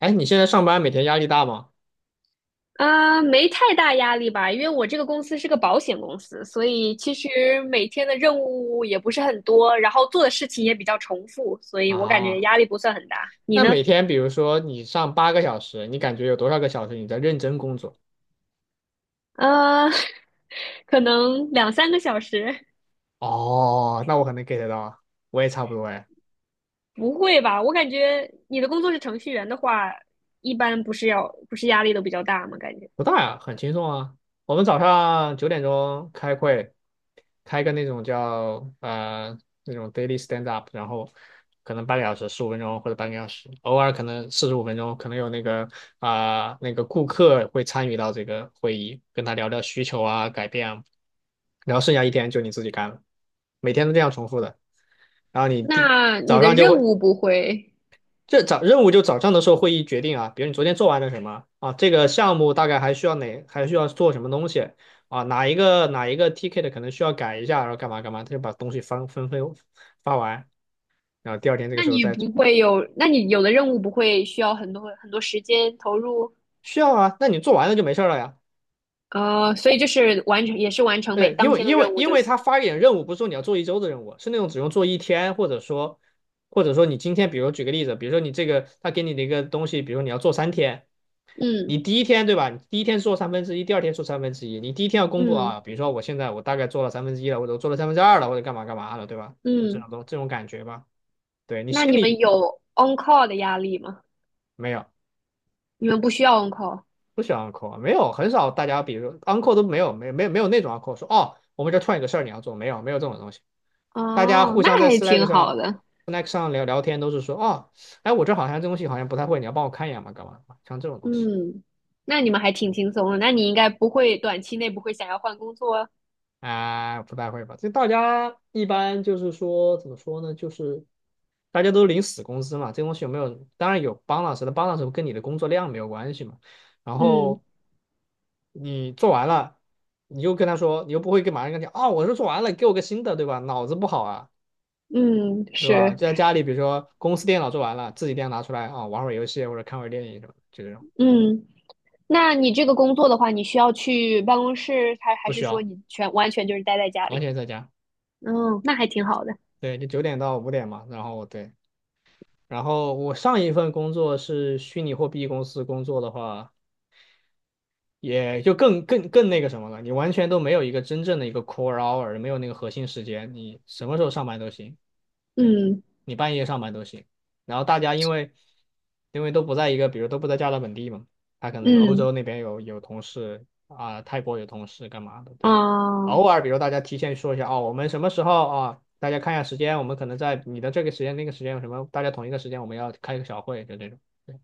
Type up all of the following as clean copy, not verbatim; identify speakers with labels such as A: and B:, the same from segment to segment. A: 哎，你现在上班每天压力大吗？
B: 没太大压力吧，因为我这个公司是个保险公司，所以其实每天的任务也不是很多，然后做的事情也比较重复，所以我感觉
A: 啊，
B: 压力不算很大。你
A: 那
B: 呢？
A: 每天比如说你上八个小时，你感觉有多少个小时你在认真工作？
B: 呃，可能两三个小时。
A: 哦，那我可能 get 到，我也差不多哎。
B: 不会吧？我感觉你的工作是程序员的话，一般不是压力都比较大吗？感觉？
A: 不大呀，很轻松啊。我们早上九点钟开会，开个那种叫那种 daily stand up，然后可能半个小时、十五分钟或者半个小时，偶尔可能四十五分钟，可能有那个啊、那个顾客会参与到这个会议，跟他聊聊需求啊、改变啊，然后剩下一天就你自己干了，每天都这样重复的。然后你第
B: 那你
A: 早
B: 的
A: 上就
B: 任
A: 会
B: 务不会，
A: 这早任务就早上的时候会议决定啊，比如你昨天做完了什么啊，这个项目大概还需要哪，还需要做什么东西啊，哪一个 TK 的可能需要改一下，然后干嘛干嘛，他就把东西发分分发完，然后第二天这个时候再
B: 那你有的任务不会需要很多很多时间投入？
A: 需要啊，那你做完了就没事儿了呀。
B: 哦，所以就是完成，也是完成每
A: 对，因
B: 当
A: 为
B: 天的
A: 因为
B: 任务
A: 因
B: 就
A: 为
B: 行。
A: 他发一点任务不是说你要做一周的任务，是那种只用做一天，或者说你今天，比如举个例子，比如说你这个他给你的一个东西，比如你要做三天。
B: 嗯
A: 你第一天对吧？你第一天做三分之一，第二天做三分之一。你第一天要公布
B: 嗯
A: 啊，比如说我现在我大概做了三分之一了，我者做了三分之二了，或者干嘛干嘛了，对吧？就这
B: 嗯。
A: 种东这种感觉吧。对你
B: 那
A: 心
B: 你们
A: 里
B: 有 on call 的压力吗？
A: 没有
B: 你们不需要 on call。
A: 不喜欢 uncle,没有很少大家，比如说 uncle 都没有，没有那种 uncle 说哦，我们这突然有个事儿你要做，没有这种东西。大家
B: 哦，
A: 互
B: 那
A: 相在
B: 还
A: Slack
B: 挺好
A: 上
B: 的。
A: Slack 上聊聊天都是说哦，哎我这好像这东西好像不太会，你要帮我看一眼嘛，干嘛干嘛？像这种东西。
B: 嗯，那你们还挺轻松的。那你应该不会短期内不会想要换工作啊？
A: 啊，不太会吧？这大家一般就是说，怎么说呢？就是大家都领死工资嘛，这东西有没有？当然有帮老师的帮老师 u 跟你的工作量没有关系嘛。然
B: 嗯
A: 后你做完了，你又跟他说，你又不会跟马上跟他讲，哦，我是做完了，给我个新的，对吧？脑子不好啊，
B: 嗯，
A: 对吧？就
B: 是
A: 在家里，比如说公司电脑做完了，自己电脑拿出来啊，玩会儿游戏或者看会儿电影什么的，就这种
B: 嗯。那你这个工作的话，你需要去办公室，还
A: 不
B: 是
A: 需
B: 说
A: 要，
B: 你完全就是待在家
A: 完
B: 里？
A: 全在家。
B: 嗯，那还挺好的。
A: 对，就九点到五点嘛，然后对，然后我上一份工作是虚拟货币公司工作的话，也就更那个什么了，你完全都没有一个真正的一个 core hour,没有那个核心时间，你什么时候上班都行。对，
B: 嗯
A: 你半夜上班都行。然后大家因为因为都不在一个，比如都不在加拿大本地嘛，他可能欧
B: 嗯
A: 洲那边有同事啊、泰国有同事干嘛的，对。
B: 啊。
A: 偶尔比如大家提前说一下哦，我们什么时候啊？大家看一下时间，我们可能在你的这个时间、那个时间有什么，大家同一个时间我们要开一个小会，就这种。对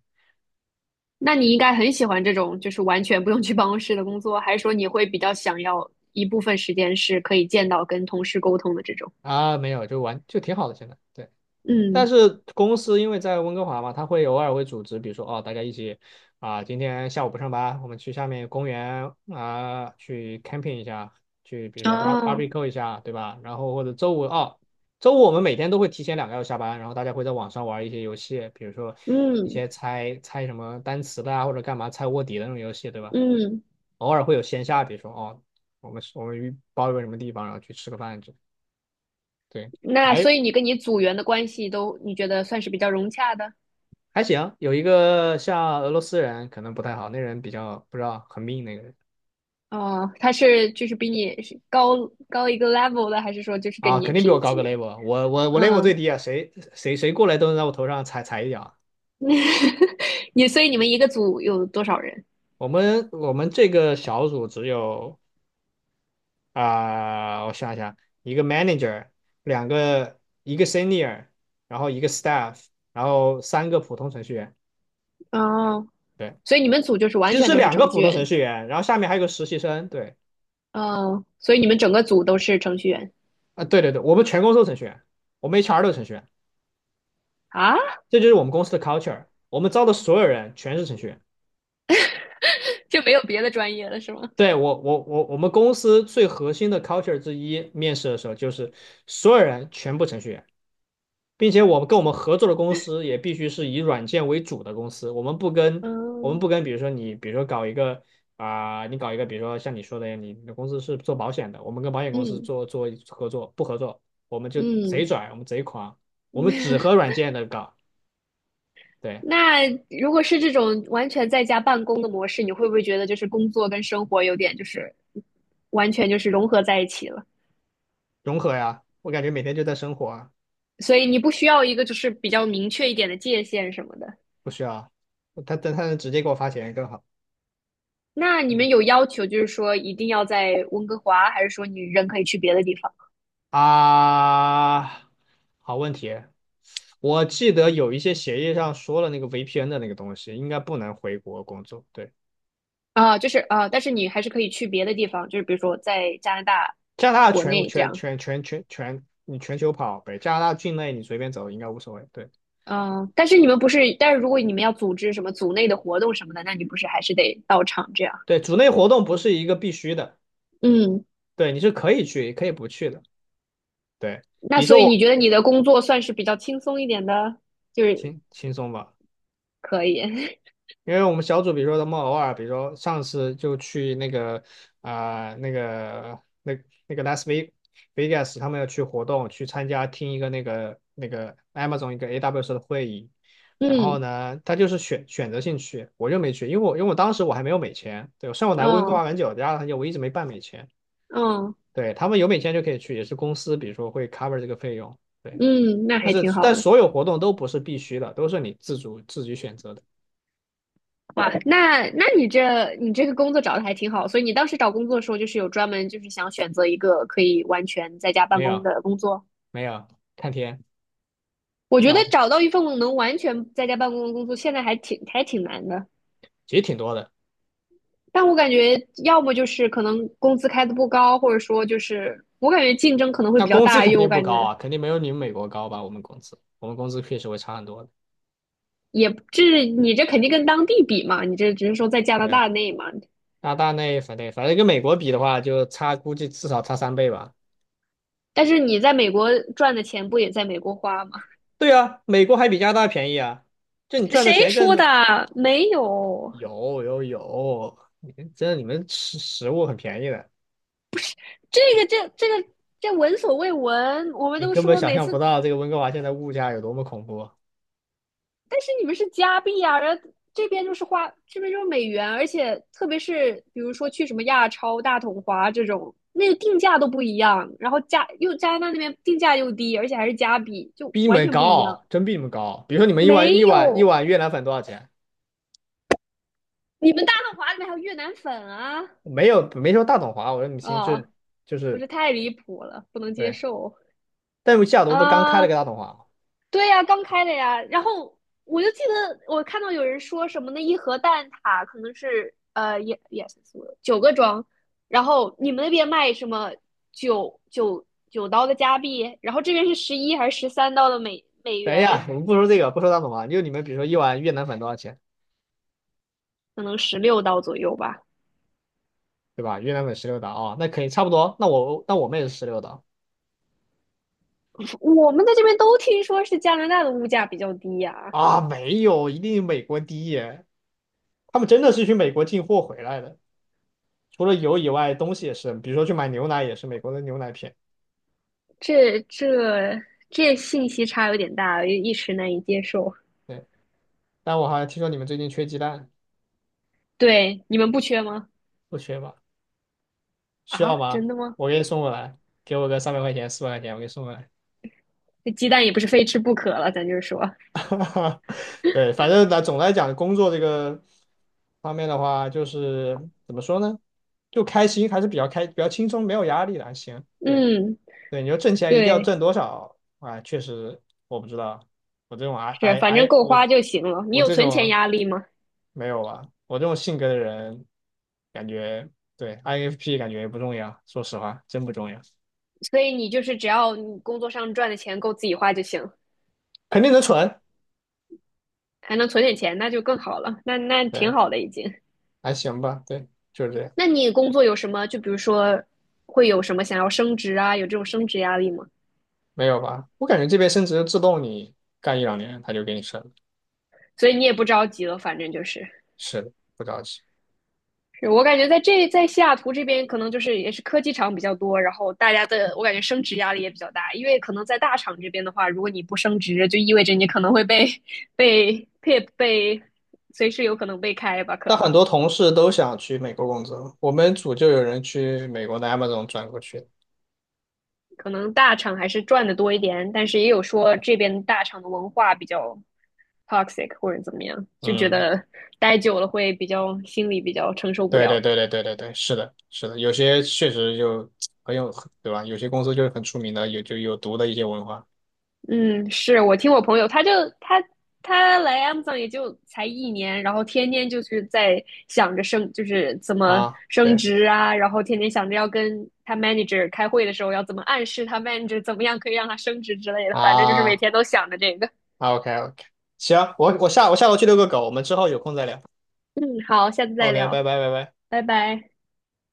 B: 那你应该很喜欢这种就是完全不用去办公室的工作，还是说你会比较想要一部分时间是可以见到跟同事沟通的这种？
A: 啊，没有，就玩就挺好的，现在。对。但
B: 嗯，
A: 是公司因为在温哥华嘛，他会偶尔会组织，比如说哦，大家一起啊、今天下午不上班，我们去下面公园啊、去 camping 一下，去比如说 bar
B: 啊，
A: barbecue 一下，对吧？然后或者周五哦，周五我们每天都会提前两个小时下班，然后大家会在网上玩一些游戏，比如说一
B: 嗯
A: 些猜猜什么单词的啊，或者干嘛猜卧底的那种游戏，对吧？
B: 嗯。
A: 偶尔会有线下，比如说哦，我们包一个什么地方，然后去吃个饭，这对。
B: 那
A: 还
B: 所以你跟你组员的关系都你觉得算是比较融洽的？
A: 还行，有一个像俄罗斯人可能不太好，那人比较不知道很命那个人
B: 哦，他是就是比你是高一个 level 的，还是说就是跟
A: 啊，
B: 你
A: 肯定比我
B: 平
A: 高
B: 级？
A: 个 level,我 level
B: 嗯。
A: 最低啊，谁谁谁过来都能在我头上踩一脚。
B: 你所以你们一个组有多少人？
A: 我们这个小组只有啊、我想一想，一个 manager,两个一个 senior,然后一个 staff,然后三个普通程序员，
B: 哦，
A: 对，
B: 所以你们组就是
A: 其
B: 完
A: 实
B: 全
A: 是
B: 都是
A: 两个
B: 程序
A: 普通程
B: 员。
A: 序员，然后下面还有个实习生，对，
B: 哦，所以你们整个组都是程序员。
A: 啊、对对对，我们全公司都程序员，我们 HR 都程序员，
B: 啊。
A: 这就是我们公司的 culture。我们招的所有人全是程序员。
B: 就没有别的专业了是吗？
A: 对，我们公司最核心的 culture 之一，面试的时候就是所有人全部程序员，并且我们跟我们合作的公司也必须是以软件为主的公司。我们不跟，我们
B: 嗯
A: 不跟，比如说你，比如说搞一个啊、你搞一个，比如说像你说的，你你的公司是做保险的，我们跟保险公司
B: 嗯
A: 做合作，不合作，我们就贼
B: 嗯。
A: 拽，我们贼狂，我们只和 软件的搞，对，
B: 那如果是这种完全在家办公的模式，你会不会觉得就是工作跟生活有点就是完全就是融合在一起了？
A: 融合呀。我感觉每天就在生活啊。
B: 所以你不需要一个就是比较明确一点的界限什么的。
A: 不需要，他能直接给我发钱更好。
B: 那你
A: 嗯
B: 们有要求就是说一定要在温哥华，还是说你人可以去别的地方？
A: 啊，好问题。我记得有一些协议上说了那个 VPN 的那个东西，应该不能回国工作。对，
B: 啊，就是啊，但是你还是可以去别的地方，就是比如说在加拿大
A: 加拿大
B: 国
A: 全
B: 内这
A: 全
B: 样。
A: 全全全全，你全球跑呗，加拿大境内你随便走应该无所谓。对
B: 嗯，但是你们不是，但是如果你们要组织什么组内的活动什么的，那你不是还是得到场这样？
A: 对，组内活动不是一个必须的，
B: 嗯，
A: 对，你是可以去也可以不去的。对，
B: 那
A: 比如
B: 所
A: 说
B: 以
A: 我
B: 你觉得你的工作算是比较轻松一点的，就是
A: 轻轻松吧。
B: 可以。
A: 因为我们小组，比如说他们偶尔，比如说上次就去那个啊、那个那那个 Vegas,他们要去活动，去参加听一个那个那个 Amazon 一个 AWS 的会议，然后
B: 嗯，
A: 呢，他就是选择性去，我就没去，因为我当时我还没有美签，对，虽然我来温哥华
B: 哦，
A: 很久，加拿大很久，我一直没办美签，
B: 嗯
A: 对，他们有美签就可以去，也是公司比如说会 cover 这个费用，对，
B: 嗯，那
A: 但
B: 还
A: 是
B: 挺好
A: 但
B: 的。
A: 所有活动都不是必须的，都是你自主自己选择的，
B: 哇，那你这个工作找的还挺好，所以你当时找工作的时候，就是有专门就是想选择一个可以完全在家办
A: 没
B: 公
A: 有
B: 的工作。
A: 没有看天。
B: 我觉得
A: 老
B: 找到一份能完全在家办公的工作，现在还挺难的。
A: 其实挺多的。
B: 但我感觉，要么就是可能工资开的不高，或者说就是我感觉竞争可能会
A: 那
B: 比较
A: 工资
B: 大，
A: 肯
B: 因为我
A: 定不
B: 感
A: 高
B: 觉
A: 啊，肯定没有你们美国高吧？我们工资，我们工资确实会差很多的。
B: 也这你这肯定跟当地比嘛，你这只是说在加拿
A: 对，
B: 大内嘛。
A: 那大内反对，反正跟美国比的话，就差估计至少差三倍吧。
B: 但是你在美国赚的钱不也在美国花吗？
A: 对啊，美国还比加拿大便宜啊，就你赚的
B: 谁
A: 钱更
B: 说的？
A: 多。
B: 没有，
A: 有有有，你们真的你们食物很便宜的，
B: 这个这闻所未闻，我们
A: 你
B: 都
A: 根本
B: 说
A: 想
B: 每
A: 象不
B: 次
A: 到这个温哥华现在物价有多么恐怖，
B: 但是你们是加币啊，然后这边就是花，这边就是美元，而且特别是比如说去什么亚超、大统华这种，那个定价都不一样，然后加拿大那边定价又低，而且还是加币，就
A: 比你
B: 完
A: 们
B: 全不一样。
A: 高，真比你们高。比如说你们一碗
B: 没
A: 一碗一
B: 有，
A: 碗越南粉多少钱？
B: 你们大统华里面还有越南粉啊！
A: 没有没说大董华，我说你们心智
B: 哦，
A: 就
B: 我
A: 是
B: 这太离谱了，不能接
A: 对。
B: 受
A: 但是西雅图不是刚开了
B: 啊！
A: 个大统华吗？
B: 对呀、刚开的呀。然后我就记得我看到有人说什么那一盒蛋挞可能是也是9个装，然后你们那边卖什么九九九刀的加币，然后这边是11还是13刀的美美
A: 等一
B: 元，
A: 下，我们不说这个，不说大统华，就你们比如说一碗越南粉多少钱，
B: 可能16刀左右吧。
A: 对吧？越南粉十六刀啊，那可以差不多。那我们也是十六刀
B: 我们在这边都听说是加拿大的物价比较低呀、
A: 啊，没有，一定美国低耶。他们真的是去美国进货回来的，除了油以外，东西也是，比如说去买牛奶也是美国的牛奶片。
B: 这这这信息差有点大，一时难以接受。
A: 对，但我好像听说你们最近缺鸡蛋，
B: 对，你们不缺吗？
A: 不缺吧？需
B: 啊，
A: 要吗？
B: 真的吗？
A: 我给你送过来，给我个三百块钱、四百块钱，我给你送过来。
B: 这鸡蛋也不是非吃不可了，咱就是说，
A: 哈，对，反正呢，总来讲，工作这个方面的话，就是怎么说呢，就开心，还是比较开，比较轻松，没有压力的，还行。对
B: 嗯，
A: 对，你说挣钱一定要
B: 对，
A: 挣多少啊？确实，我不知道，我这种 I
B: 是，
A: I
B: 反正
A: I
B: 够花就行了。你
A: 我
B: 有
A: 这
B: 存钱
A: 种
B: 压力吗？
A: 没有啊，我这种性格的人，感觉对 INFP 感觉也不重要，说实话，真不重要，
B: 所以你就是只要你工作上赚的钱够自己花就行，
A: 肯定能存，
B: 还能存点钱，那就更好了。那挺
A: 对，
B: 好的已经。
A: 还行吧，对，就是这样。
B: 那你工作有什么？就比如说，会有什么想要升职啊？有这种升职压力吗？
A: 没有吧？我感觉这边升职自动你干一两年他就给你升了
B: 所以你也不着急了，反正就是。
A: 是的，不着急。
B: 是我感觉在西雅图这边，可能就是也是科技厂比较多，然后大家的我感觉升职压力也比较大，因为可能在大厂这边的话，如果你不升职，就意味着你可能会被随时有可能被开吧。可
A: 但很
B: 能
A: 多同事都想去美国工作，我们组就有人去美国的 Amazon 转过去。
B: 可能大厂还是赚的多一点，但是也有说这边大厂的文化比较 toxic 或者怎么样，就觉
A: 嗯，
B: 得待久了会比较心里比较承受不
A: 对对
B: 了。
A: 对对对对对是的，是的，有些确实就很有，对吧？有些公司就是很出名的，有就有毒的一些文化
B: 嗯，是我听我朋友，他他来 Amazon 也就才一年，然后天天就是在想着升，就是怎么
A: 啊，
B: 升
A: 对
B: 职啊，然后天天想着要跟他 manager 开会的时候要怎么暗示他 manager 怎么样可以让他升职之类的，反正就是每
A: 啊
B: 天都想着这个。
A: 啊，OK OK，行，我我下我下楼去遛个狗，我们之后有空再聊。
B: 嗯，好，下次再
A: OK,拜
B: 聊，
A: 拜拜拜。
B: 拜拜。